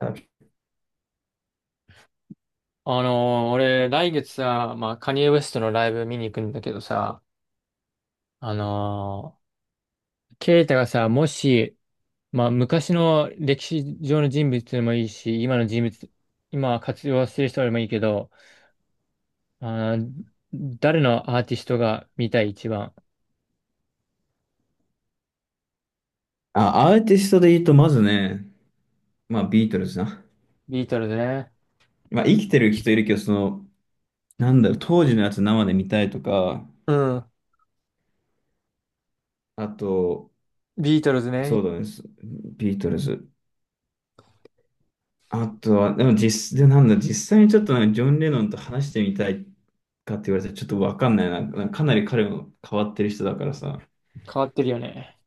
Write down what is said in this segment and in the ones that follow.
あ、俺、来月さ、まあ、カニエ・ウェストのライブ見に行くんだけどさ、あのケイタがさ、もし、まあ、昔の歴史上の人物でもいいし、今の人物、今活用してる人でもいいけど、あー誰のアーティストが見たい一番。アーティストで言うと、まずね、まあ、ビートルズな。ビートルズね。まあ、生きてる人いるけど、当時のやつ生で見たいとか、うん。あと、ビートルズね。そうだね、ビートルズ。あとは、でも実、で、なんだ、実際にちょっとなんかジョン・レノンと話してみたいかって言われたらちょっとわかんないな。なんかかなり彼も変わってる人だからさ。変わってるよね。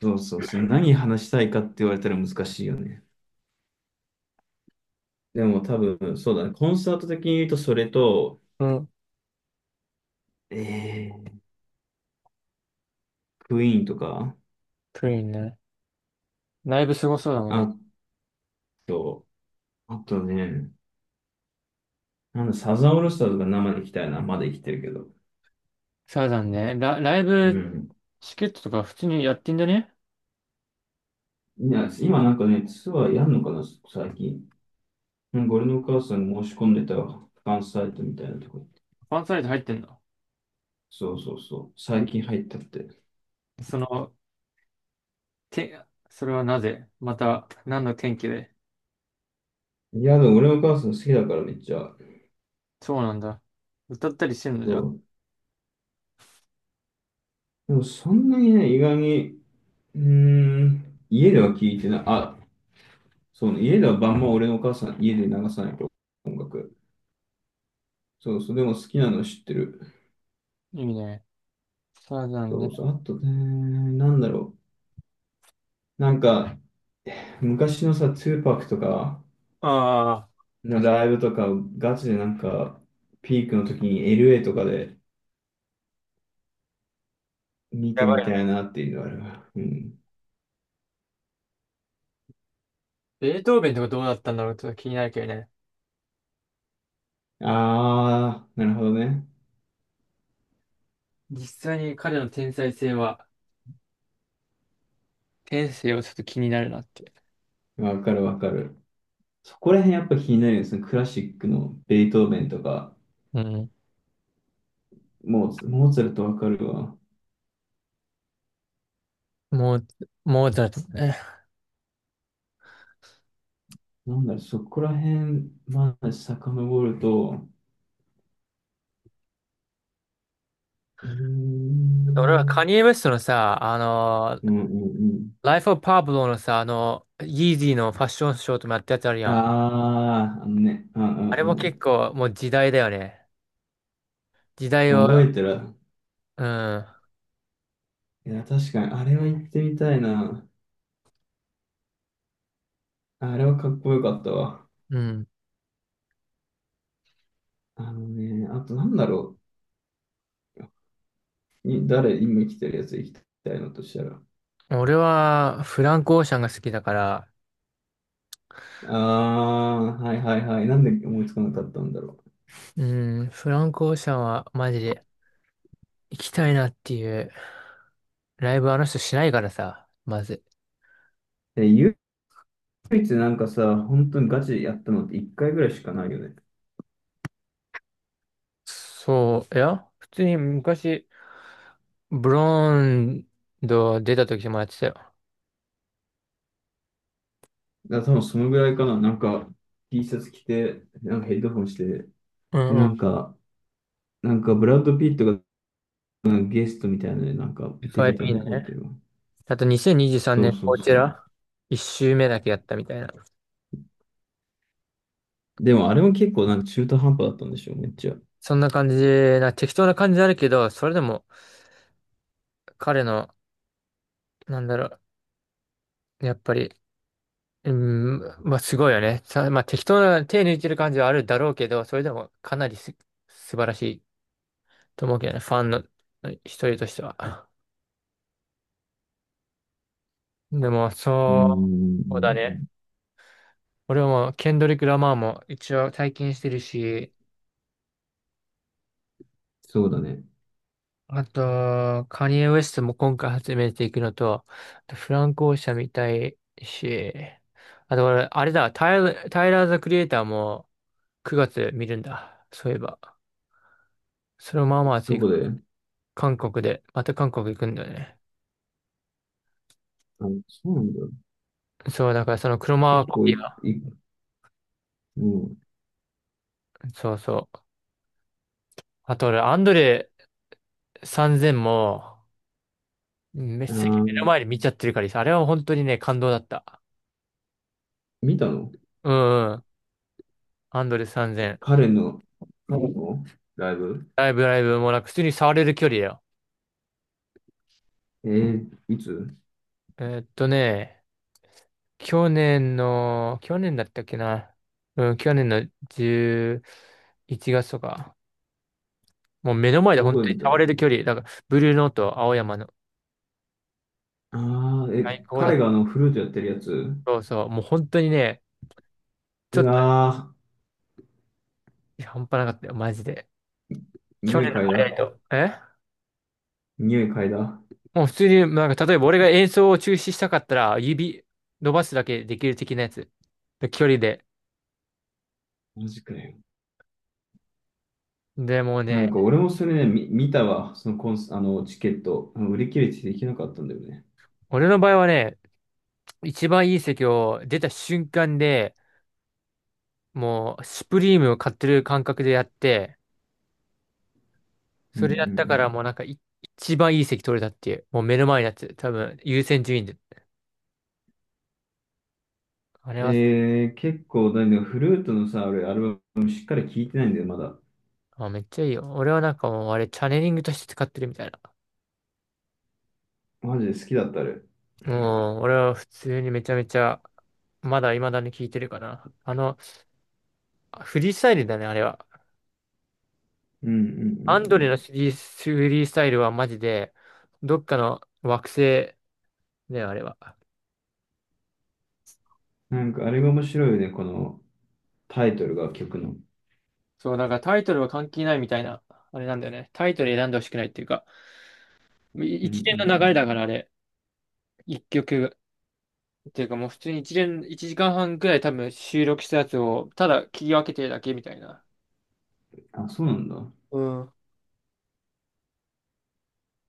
そうそうそう、何話したいかって言われたら難しいよね。でも多分、そうだね、コンサート的に言うと、それと、うん。えー、クイーンとか、クイーンね。ライブすごそうだもんね。あと、あとね、なんだ、サザンオールスターズが生で行きたいな。まだ生きてるけど。サザンね。ライうブん。チケットとか普通にやってんだね。いや、今なんかね、ツアーやんのかな、最近。なんか俺のお母さん申し込んでたわ。ファンサイトみたいなとこ行って。ファンサイト入ってんの。そうそうそう。最近入ったって。その、て、それはなぜまた、何の天気で。いや、でも俺のお母さん好きだからめっちゃ。そうなんだ。歌ったりしてんのじそゃ。う。でもそんなにね、意外に、家では聞いてない。あ、そうね、家では晩も俺のお母さん、家で流さないと音楽。そうそう、でも好きなの知ってる。いいね。サーザンそね。うそう、あとね、なんだろう。なんか、昔のさ、ツーパックとかああ、の確かライブとか、ガチでなんか、ピークの時に LA とかで見にやてばいみよたいね。なっていうのはあるわ。うん。ベートーベンとかどうだったんだろう、ちょっと気になるけどね。あー、なるほどね。実際に彼の天才性は、天性はちょっと気になるなって。わかるわかる。そこら辺やっぱ気になるよね。そのクラシックのベートーベンとか、うん。モーツァルトわかるわ。もう、もうだって。ね。なんだろう、そこら辺まで遡ると、うー俺はカん、ニエ・ウェストのさ、うんうんうん。Life of Pablo のさ、あの、イージーのファッションショーともやったやつあるやん。あー、あのね、うんあれもう結ん構もう時代だよね。時代うん。を、覚えてる。うん。いや、確かに、あれは行ってみたいな。あれはかっこよかったわ。うん。あのね、あとなんだろう。誰、今来てるやつ行きたいのとしたら。俺はフランク・オーシャンが好きだから、あー、はいはいはい。なんで思いつかなかったんだろうん、フランク・オーシャンはマジで行きたいなっていう。ライブあの人しないからさ、まず。う。え、唯一なんかさ、本当にガチでやったのって1回ぐらいしかないよね。そう、いや、普通に昔、ブロンド出た時もやってたよ。だから多分そのぐらいかな。なんか、T シャツ着て、なんかヘッドホンして、うで、んうなん。んか、なんかブラッド・ピットがなんかゲストみたいなので、なんか出てた FIP のの覚えね。てるわ。あと2023そう年、そこうちそう。ら、1周目だけやったみたいな。でもあれも結構なんか中途半端だったんでしょ、めっちゃ。うそんな感じな、適当な感じあるけど、それでも彼の、なんだろう、やっぱり、うん、まあすごいよね。さ、まあ適当な手抜いてる感じはあるだろうけど、それでもかなり素晴らしいと思うけどね、ファンの一人としては。でも、ーそう、そうだね。ん、俺はもう、ケンドリック・ラマーも一応体験してるし、そうだね。あと、カニエ・ウェストも今回始めていくのと、あとフランク・オーシャン見たいし、あと俺、あれだ、タイラー・ザ・クリエイターも9月見るんだ。そういえば。それもまあまあ熱どい。こで、あ、韓国で、また韓国行くんだよね。そうなんだ。そう、だからその車結コ構ピーは、もそうそう。あと俺、アンドレ3000も、めっう、あちゃー、目の前で見ちゃってるからさ、あれは本当にね、感動だった。見たの、うんうん。アンドレ3000。彼の、彼のライブ、ライブ、ライブもなんか普通に触れる距離だよ。いつえーっとね、去年の、去年だったっけな。うん、去年の11月とか。もう目の前でど本こ当でに見た触の、れる距離。だから、ブルーノート、青山の。ああー、最高だっ彼があた。のフルートやってるやつ、そうそう。もう本当にね、ちょうっと、わいや、半端なかったよ、マジで。ー、去匂年いの嗅ハいイライだ。ト。え匂い嗅いだ。もう普通に、なんか、例えば俺が演奏を中止したかったら、指伸ばすだけできる的なやつ。で距離で。マジかよ。でもうなんね、か俺もそれね、見たわ。そのコンス、あの、チケット。あの売り切れてできなかったんだよね。俺の場合はね、一番いい席を出た瞬間で、もう、スプリームを買ってる感覚でやって、うんそうんれうやったからもうん、なんか、一番いい席取れたっていう、もう目の前のやつ、多分優先順位で。あれは、結構、だね、フルートのさ、俺、アルバムしっかり聴いてないんだよ、まだ。あ、めっちゃいいよ。俺はなんかもう、あれ、チャネリングとして使ってるみたいな。マジで好きだった、あれ。もう、俺は普通にめちゃめちゃ、まだ未だに聞いてるかな。あの、フリースタイルだね、あれは。うんうんうアンドレのんフリースタイルはマジで、どっかの惑星だよ、あれは。うん。なんか、あれが面白いよね、このタイトルが曲の。そう、なんかタイトルは関係ないみたいな、あれなんだよね。タイトル選んでほしくないっていうか、うんう一連の流れだかんら、あれ、一曲。っていうかもう普通に一連、一時間半くらい多分収録したやつを、ただ切り分けてるだけみたいな。うん。あ、そうなんだ。ううん。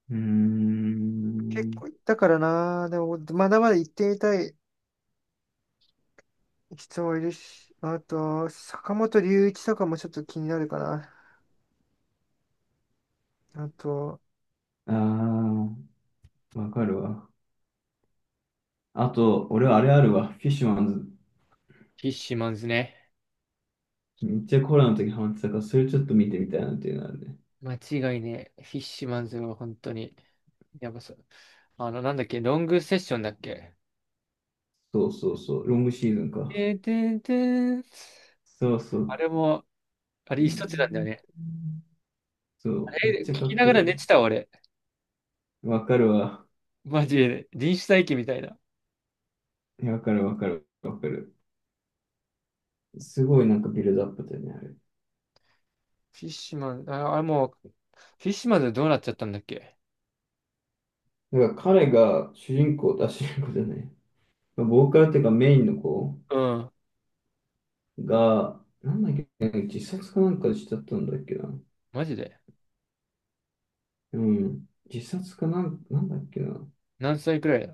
ーん。だからな、でも、まだまだ行ってみたい人はいるし、あと、坂本龍一とかもちょっと気になるかな。あと、あー、わかるわ。あと、俺はあれあるわ。フィッシュマンズ。フィッシュマンズね。めっちゃコロナの時ハマってたから、それちょっと見てみたいなっていうのあるね。間違いねえ。フィッシュマンズは本当に、やばそう。あの、なんだっけ、ロングセッションだっけ。そうそうそう。ロングシーズンか。てんてんてん、そうそあう。れも、あれ一つなんだよね。そあう、めっれ、聞ちゃかきっながこらい寝い。てたわ俺。わかるわ。マジで、臨死体験みたいな。いやわかるわかるわかる。すごいなんかビルドアップだよね、あフィッシュマン、あ、あれもう、フィッシュマンズどうなっちゃったんだっけ。れ。だから彼が主人公、あ、主人公じゃない。ボーカルっていうかメインの子うん。が、なんだっけ、自殺かなんかしちゃったんだっけな。マジで。うん。自殺かなんだっけな。何歳くらいだ？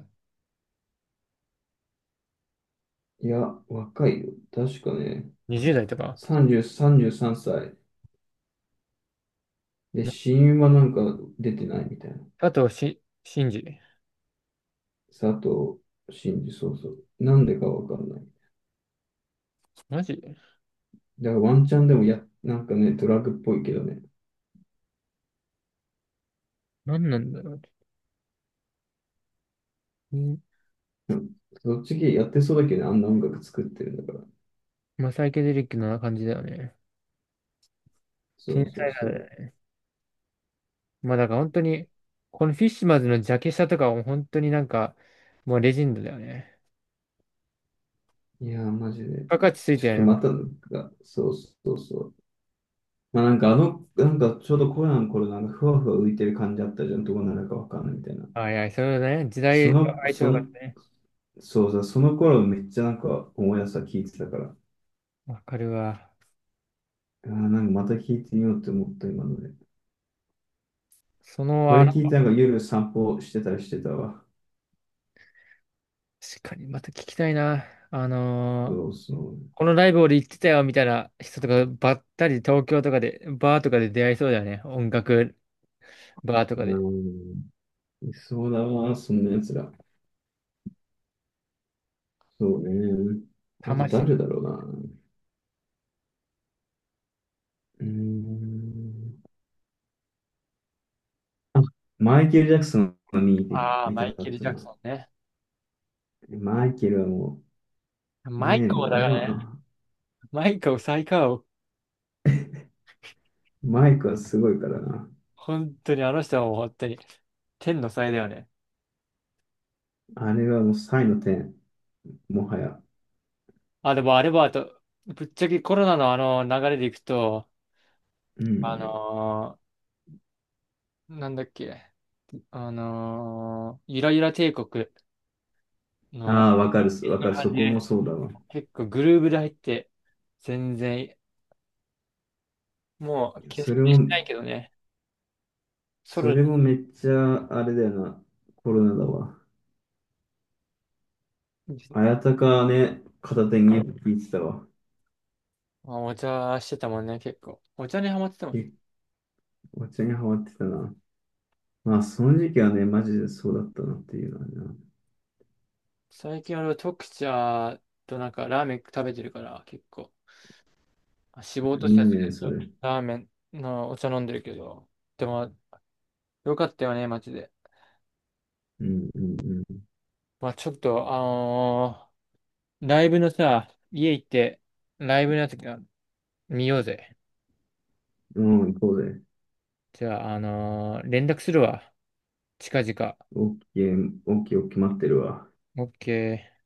いや、若いよ。確かね、20 代とか。30、33歳。で、死因はなんか出てないみたいな。あと、シンジ。佐藤真二、そうそう。なんでかわかんない。マジだからワンチャンでもなんかね、ドラッグっぽいけどね。何なんだろう。うん。うん、そっち系やってそうだけどね、あんな音楽作ってるんだから。まあ、サイケデリックな感じだよね。そ天うそう才派だよそね。まあ、だから本当に、このフィッシュマンズのジャケ写とかも本当になんか、もうレジェンドだよね。う。いやー、マジで。バ価値ついちょてっるとよね。まもう、たなんか、そうそうそう。まあなんかなんかちょうどコロナの頃なんかふわふわ浮いてる感じあったじゃん、どこなるかわかんないみたいな。あいや、そうだね。時そ代のの、相性そがの、ね。そうだ、その頃めっちゃなんか思い出した聞いてたから、わかるわ。あーなんかまた聞いてみようって思った今ので。そこの、あれの、聞いてなんか夜散歩してたりしてたわ。確かにまた聞きたいな。あのそーうそこのライブ俺行ってたよみたいな人とかばったり東京とかで、バーとかで出会いそうだよね。音楽バーとかう。で。うん。いそうだわ、そんな奴ら。そうね。あと魂。誰だろうな。うーん。あ、マイケル・ジャクソンをああ、見たマイかケっル・たジャクな。ソンね。マイケルはもう、マイねえ、コーもうだあかれらは、ね。あマイコー最高を。マイクはすごいからな。本当にあの人はもう本当に天の才だよね。あれはもう才の点、もはや。あ、でもあれはあと、ぶっちゃけコロナのあの流れでいくと、うあん。のなんだっけ、ゆらゆら帝国の、ああ、わかる、わのかる、そ感じこもで、そうだわ。結構グルーブで入って、全然、もう決そしれてしても、ないけどね、ソそロ、れもめっちゃ、あれだよな、コロナだわ。綾鷹ね、片手に聞いてたわ。まあお茶してたもんね、結構。お茶にハマってたもんね。え、お茶にハマってたな。まあ、その時期はね、マジでそうだったなっていうのはね。最近俺は特茶となんかラーメン食べてるから結構、あ脂肪いいとしたやつね、それ。ラーメンのお茶飲んでるけど、でもよかったよね、マジで。うんうんまあちょっと、ライブのさ、家行って、ライブのやつが見ようぜ。うん。うん、行こうぜ。じゃあ、連絡するわ。近々。オッケー、オッケー、オッケー、待ってるわ。オッケー。